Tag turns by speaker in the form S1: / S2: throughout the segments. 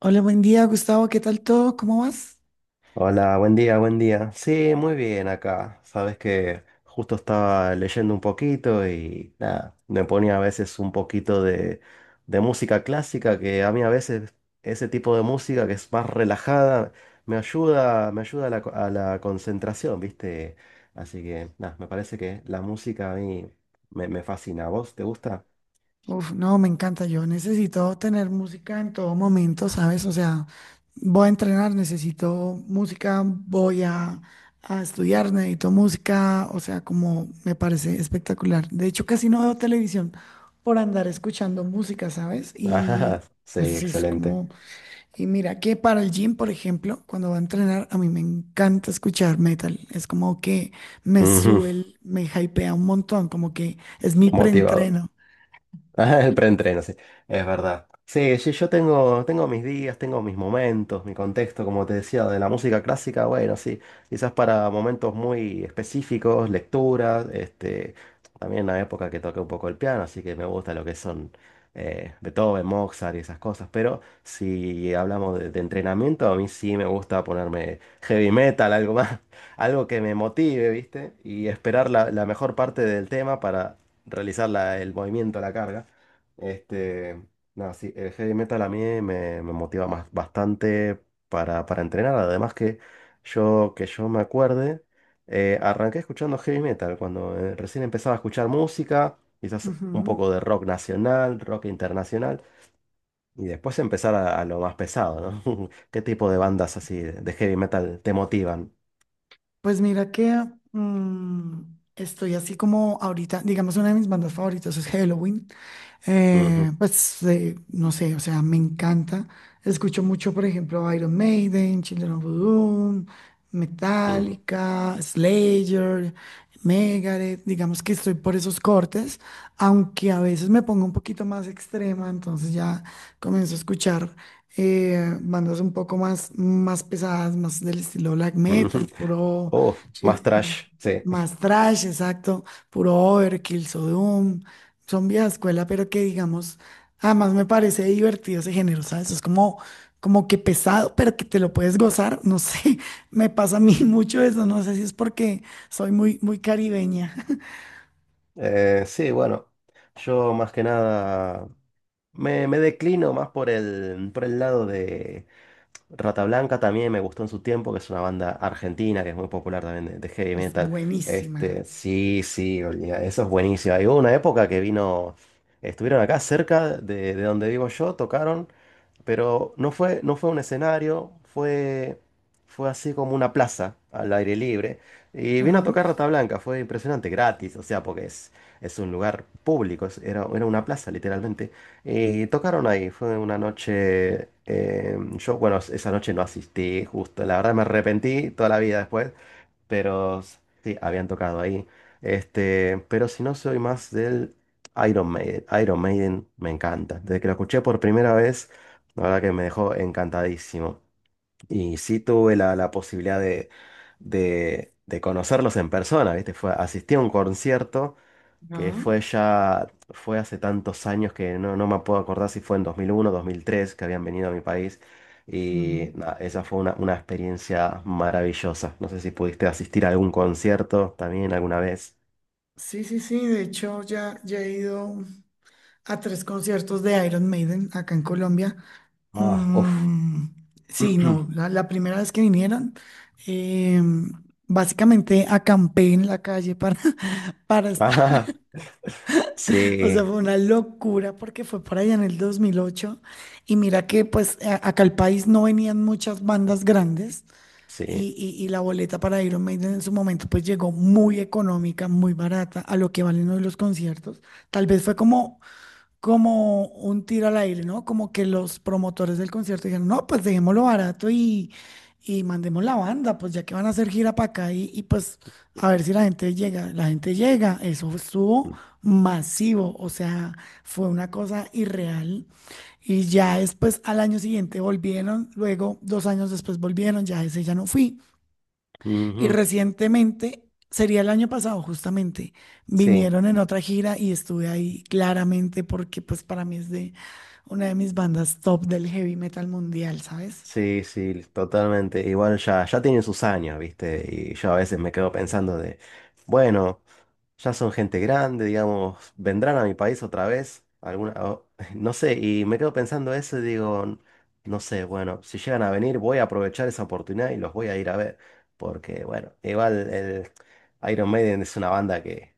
S1: Hola, buen día, Gustavo. ¿Qué tal todo? ¿Cómo vas?
S2: Hola, buen día, buen día. Sí, muy bien acá. Sabes que justo estaba leyendo un poquito y nada, me ponía a veces un poquito de música clásica, que a mí a veces ese tipo de música que es más relajada me ayuda a a la concentración, ¿viste? Así que nada, me parece que la música a mí me fascina. ¿A vos te gusta?
S1: Uf, no, me encanta. Yo necesito tener música en todo momento, ¿sabes? O sea, voy a entrenar, necesito música, a estudiar, necesito música. O sea, como me parece espectacular. De hecho, casi no veo televisión por andar escuchando música, ¿sabes?
S2: Ajá,
S1: Y
S2: sí,
S1: pues sí, es
S2: excelente.
S1: como. Y mira que para el gym, por ejemplo, cuando va a entrenar, a mí me encanta escuchar metal. Es como que me
S2: Ujú.
S1: sube, me hypea un montón, como que es mi
S2: Motivado.
S1: preentreno.
S2: Ah, el preentreno, sí, es verdad. Sí, sí, yo tengo mis días, tengo mis momentos, mi contexto, como te decía, de la música clásica, bueno, sí, quizás para momentos muy específicos, lecturas, también la época que toqué un poco el piano, así que me gusta lo que son Beethoven, Mozart y esas cosas, pero si hablamos de entrenamiento, a mí sí me gusta ponerme heavy metal, algo más, algo que me motive, ¿viste? Y esperar la mejor parte del tema para realizar el movimiento, la carga. Este, nada, sí, el heavy metal a mí me motiva más, bastante para entrenar. Además que que yo me acuerde, arranqué escuchando heavy metal cuando recién empezaba a escuchar música, quizás un
S1: Ujú.
S2: poco de rock nacional, rock internacional, y después empezar a lo más pesado, ¿no? ¿Qué tipo de bandas así de heavy metal te motivan?
S1: Pues mira que mm, estoy así como ahorita, digamos, una de mis bandas favoritas es Halloween.
S2: Ujú,
S1: No sé, o sea, me encanta. Escucho mucho, por ejemplo, Iron Maiden, Children of a Doom,
S2: ujú,
S1: Metallica, Slayer, Megadeth. Digamos que estoy por esos cortes, aunque a veces me pongo un poquito más extrema, entonces ya comienzo a escuchar bandas un poco más, más pesadas, más del estilo black metal,
S2: ujú.
S1: puro.
S2: Oh, más
S1: Sí,
S2: trash, sí.
S1: más trash, exacto, puro Overkill, Sodom, son vieja escuela, pero que digamos, además me parece divertido ese género, ¿sabes? Es como, como que pesado, pero que te lo puedes gozar, no sé, me pasa a mí mucho eso, no sé si es porque soy muy, muy caribeña.
S2: Sí, bueno, yo más que nada... Me declino más por por el lado de Rata Blanca también me gustó en su tiempo, que es una banda argentina que es muy popular también de heavy
S1: es
S2: metal. Este,
S1: buenísima.
S2: sí, sí, olía, eso es buenísimo. Hay una época que vino, estuvieron acá cerca de donde vivo yo, tocaron pero no fue un escenario, fue así como una plaza al aire libre. Y vino
S1: Ajá,
S2: a tocar Rata Blanca, fue impresionante, gratis, o sea, porque es un lugar público, era, era una plaza literalmente. Y tocaron ahí, fue una noche, yo, bueno, esa noche no asistí, justo, la verdad me arrepentí toda la vida después, pero sí, habían tocado ahí. Este, pero si no, soy más del Iron Maiden. Iron Maiden me encanta. Desde que lo escuché por primera vez, la verdad que me dejó encantadísimo. Y sí tuve la posibilidad de conocerlos en persona, ¿viste? Fue, asistí a un concierto que
S1: ajá,
S2: fue ya, fue hace tantos años que no, no me puedo acordar si fue en 2001 2003 que habían venido a mi país.
S1: ujú.
S2: Y nada, esa fue una experiencia maravillosa. No sé si pudiste asistir a algún concierto también alguna vez.
S1: Sí, sí, sí, de hecho ya, ya he ido a 3 conciertos de Iron Maiden acá en Colombia.
S2: Ah, uff.
S1: Mm, sí, no, la primera vez que vinieron, em, básicamente acampé en la calle para, para estar,
S2: Ah,
S1: o sea,
S2: sí,
S1: fue una locura porque fue por allá en el 2008 y mira que pues acá al país no venían muchas bandas grandes
S2: sí.
S1: y la boleta para Iron Maiden en su momento pues llegó muy económica, muy barata a lo que valen hoy los conciertos. Tal vez fue como como un tiro al aire, ¿no? Como que los promotores del concierto dijeron, no, pues dejémoslo barato y mandemos la banda, pues ya que van a hacer gira para acá y pues a ver si la gente llega. La gente llega, eso estuvo masivo, o sea, fue una cosa irreal. Y ya después, al año siguiente volvieron, luego 2 años después volvieron, ya ese ya no fui. Y
S2: Ujú,
S1: recientemente, sería el año pasado justamente,
S2: sí.
S1: vinieron en otra gira y estuve ahí claramente porque pues para mí es de una de mis bandas top del heavy metal mundial, ¿sabes?
S2: Sí, sí, totalmente. Igual ya, ya tienen sus años, ¿viste? Y yo a veces me quedo pensando de, bueno, ya son gente grande, digamos, vendrán a mi país otra vez, alguna, no sé, y me quedo pensando eso y digo, "N- no sé, bueno, si llegan a venir voy a aprovechar esa oportunidad y los voy a ir a ver, porque bueno, igual el Iron Maiden es una banda que,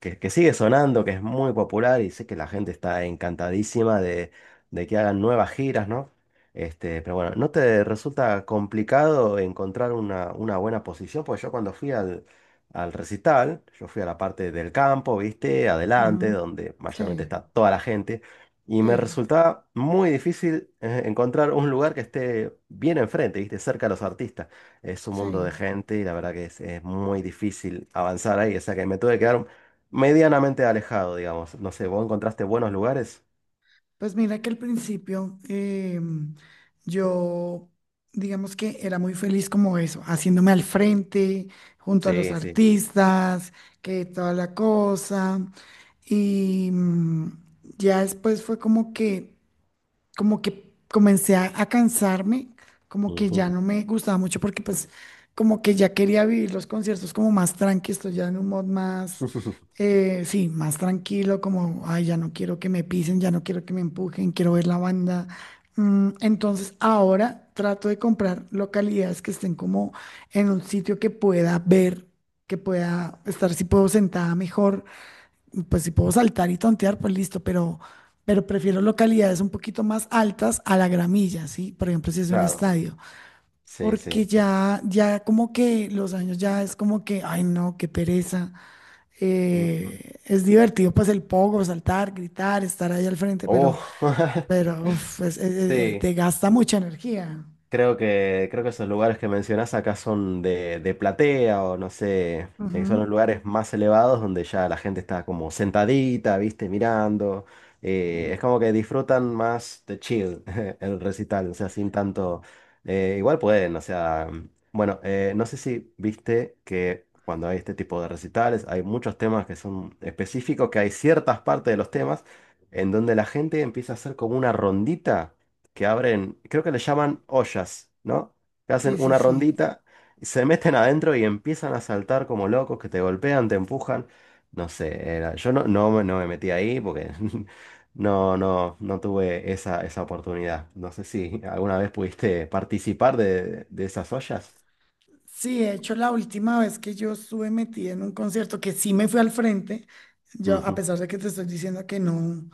S2: que, que sigue sonando, que es muy popular y sé que la gente está encantadísima de que hagan nuevas giras, ¿no? Este, pero bueno, ¿no te resulta complicado encontrar una buena posición? Porque yo cuando fui al recital, yo fui a la parte del campo, ¿viste? Adelante,
S1: Ujú.
S2: donde mayormente
S1: Sí,
S2: está toda la gente, y me
S1: sí,
S2: resultaba muy difícil encontrar un lugar que esté bien enfrente, ¿viste? Cerca de los artistas. Es un mundo de
S1: sí.
S2: gente y la verdad que es muy difícil avanzar ahí, o sea que me tuve que quedar medianamente alejado, digamos. No sé, ¿vos encontraste buenos lugares?
S1: Pues mira que al principio yo, digamos que era muy feliz como eso, haciéndome al frente, junto a los
S2: Sí, sí.
S1: artistas, que toda la cosa. Y ya después fue como que comencé a cansarme, como que
S2: Ujú.
S1: ya no me gustaba mucho porque pues como que ya quería vivir los conciertos como más tranqui, estoy ya en un mod más, sí, más tranquilo, como, ay, ya no quiero que me pisen, ya no quiero que me empujen, quiero ver la banda. Mm, entonces ahora trato de comprar localidades que estén como en un sitio que pueda ver, que pueda estar, si puedo sentada mejor pues si puedo saltar y tontear, pues listo, pero prefiero localidades un poquito más altas a la gramilla, ¿sí? Por ejemplo, si es un
S2: Claro.
S1: estadio,
S2: Sí, sí.
S1: porque ya, ya como que los años ya es como que, ay no, qué pereza.
S2: Mm,
S1: Es divertido pues el pogo, saltar, gritar, estar ahí al frente,
S2: Oh,
S1: pero uf,
S2: sí.
S1: te gasta mucha energía.
S2: Creo que esos lugares que mencionás acá son de platea o no sé, son
S1: Ujú.
S2: los lugares más elevados donde ya la gente está como sentadita, viste, mirando. Es como que disfrutan más de chill el recital, o sea, sin tanto. Igual pueden, o sea. Bueno, no sé si viste que cuando hay este tipo de recitales hay muchos temas que son específicos, que hay ciertas partes de los temas en donde la gente empieza a hacer como una rondita que abren, creo que le llaman ollas, ¿no? Que hacen
S1: Sí, sí,
S2: una
S1: sí.
S2: rondita, y se meten adentro y empiezan a saltar como locos, que te golpean, te empujan. No sé, yo no, no, me no me metí ahí porque no, no, no tuve esa oportunidad. No sé si alguna vez pudiste participar de esas ollas.
S1: Sí, de hecho, la última vez que yo estuve metida en un concierto, que sí me fui al frente, yo, a
S2: Ujú.
S1: pesar de que te estoy diciendo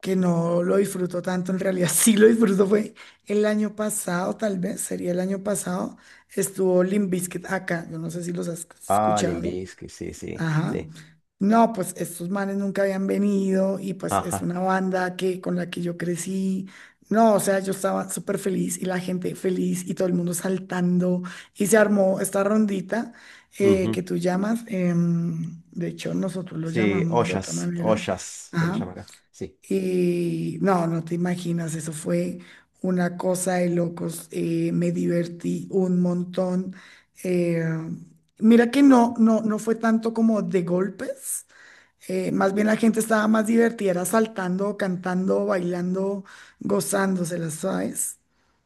S1: que no lo disfruto tanto, en realidad sí lo disfruto, fue el año pasado, tal vez, sería el año pasado, estuvo Limp Bizkit acá, yo no sé si los has
S2: Ah, Limp
S1: escuchado.
S2: Bizkit, sí, sí,
S1: Ajá.
S2: sí.
S1: No, pues estos manes nunca habían venido y pues es
S2: Ajá.
S1: una banda que con la que yo crecí. No, o sea, yo estaba súper feliz y la gente feliz y todo el mundo saltando y se armó esta rondita que
S2: Ujú.
S1: tú llamas. De hecho, nosotros lo
S2: Sí,
S1: llamamos de otra
S2: ollas,
S1: manera.
S2: ollas se le
S1: Ajá.
S2: llama acá. Sí.
S1: Y no, no te imaginas, eso fue una cosa de locos. Me divertí un montón. eh, Mira que no, no, no fue tanto como de golpes. Más bien la gente estaba más divertida, era saltando, cantando, bailando, gozándoselas, ¿sabes?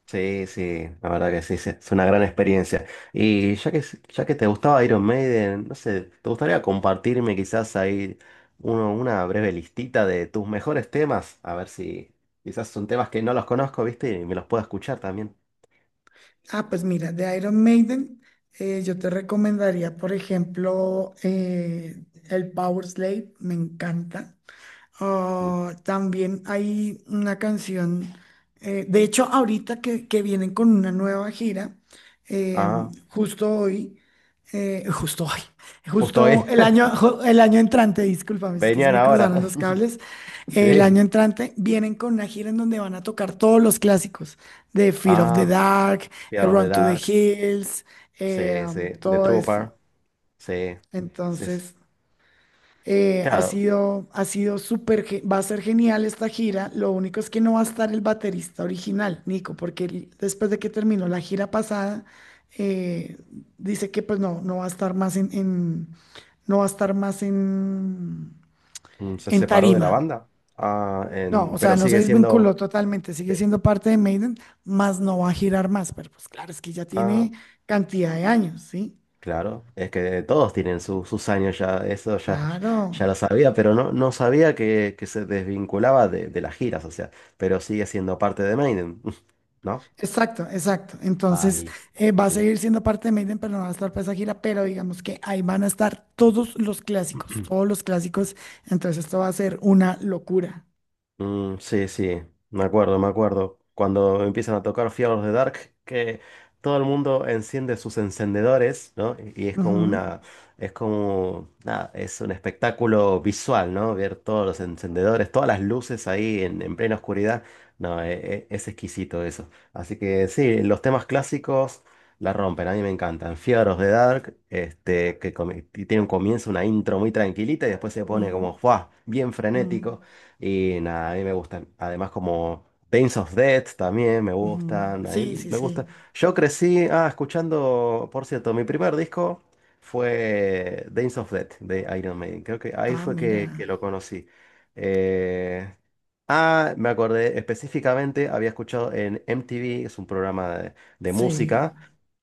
S2: Sí, sí, la verdad que sí, sí, es una gran experiencia. Y ya que te gustaba Iron Maiden, no sé, ¿te gustaría compartirme quizás ahí una breve listita de tus mejores temas? A ver si quizás son temas que no los conozco, ¿viste? Y me los puedo escuchar también.
S1: Ah, pues mira, de Iron Maiden, yo te recomendaría, por ejemplo, el Power Slave, me encanta.
S2: Mm.
S1: Ah, también hay una canción, de hecho ahorita que vienen con una nueva gira, eh,
S2: Ah,
S1: justo hoy, justo hoy,
S2: justo
S1: justo
S2: hoy.
S1: el año, el año entrante, discúlpame, es que se
S2: Venían
S1: me cruzaron
S2: ahora.
S1: los cables, el año
S2: Sí.
S1: entrante vienen con una gira en donde van a tocar todos los clásicos de Fear of the
S2: Ah,
S1: Dark,
S2: Fear of the
S1: Run to the
S2: Dark.
S1: Hills,
S2: Sí, sí. The
S1: todo eso.
S2: Trooper. Sí, sí, sí.
S1: Entonces...
S2: Claro,
S1: ha sido súper, va a ser genial esta gira. Lo único es que no va a estar el baterista original, Nico, porque él, después de que terminó la gira pasada, eh, dice que pues no, no va a estar más no va a estar más
S2: mm, se
S1: en
S2: separó de la
S1: tarima.
S2: banda. Ah,
S1: No, o sea,
S2: pero
S1: no se
S2: sigue siendo...
S1: desvinculó totalmente, sigue siendo parte de Maiden, más no va a girar más, pero pues claro, es que ya
S2: Ah,
S1: tiene cantidad de años, ¿sí?
S2: claro, es que todos tienen sus años ya, eso ya, ya
S1: Claro.
S2: lo sabía, pero no, no sabía que se desvinculaba de las giras, o sea, pero sigue siendo parte de Maiden, ¿no?
S1: Exacto, exacto.
S2: Ah,
S1: Entonces,
S2: listo.
S1: va a
S2: Sí.
S1: seguir siendo parte de Maiden, pero no va a estar para esa gira, pero digamos que ahí van a estar todos los clásicos, todos los clásicos. Entonces, esto va a ser una locura.
S2: Mm, sí, sí, me acuerdo, me acuerdo. Cuando empiezan a tocar Fear de Dark, que todo el mundo enciende sus encendedores, ¿no? Y es como
S1: Ujú,
S2: una, es como, nada, es un espectáculo visual, ¿no? Ver todos los encendedores, todas las luces ahí en plena oscuridad. No, es, exquisito eso. Así que sí, los temas clásicos la rompen, a mí me encantan. Fear de Dark, este, que tiene un comienzo, una intro muy tranquilita y después se pone
S1: ujú,
S2: como, ¡fua! Bien frenético. Y nada, a mí me gustan. Además, como Days of Death también me
S1: ujú, ujú.
S2: gustan. A
S1: Sí,
S2: mí
S1: sí,
S2: me gusta.
S1: sí.
S2: Yo crecí, ah, escuchando, por cierto, mi primer disco fue Days of Death de Iron Maiden. Creo que ahí
S1: Ah,
S2: fue que
S1: mira.
S2: lo conocí. Eh, me acordé específicamente, había escuchado en MTV, es un programa de
S1: Sí,
S2: música.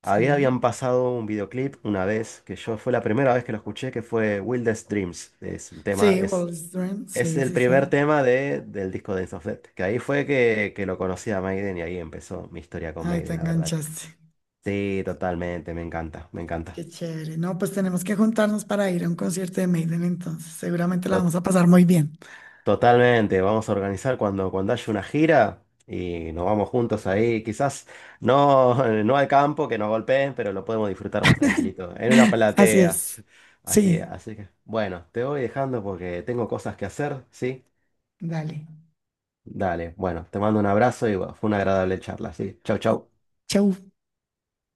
S2: Había,
S1: sí.
S2: habían pasado un videoclip una vez, que yo fue la primera vez que lo escuché, que fue Wildest Dreams. Es un tema,
S1: Sí, Wall Street.
S2: es
S1: Sí,
S2: el
S1: sí,
S2: primer
S1: sí.
S2: tema de, del disco de of Death, que ahí fue que lo conocí a Maiden y ahí empezó mi historia con
S1: Ahí te
S2: Maiden, la verdad que.
S1: enganchaste.
S2: Sí, totalmente, me encanta, me encanta.
S1: Qué chévere. No, pues tenemos que juntarnos para ir a un concierto de Maiden, entonces. Seguramente la
S2: To-
S1: vamos a pasar muy bien.
S2: totalmente, vamos a organizar cuando, cuando haya una gira y nos vamos juntos ahí, quizás no, no al campo, que nos golpeen, pero lo podemos disfrutar más tranquilito, en una
S1: Así
S2: platea.
S1: es.
S2: Así,
S1: Sí.
S2: así que, bueno, te voy dejando porque tengo cosas que hacer, ¿sí?
S1: Dale.
S2: Dale, bueno, te mando un abrazo y bueno, fue una agradable charla, ¿sí? Chau, chau.
S1: Chau.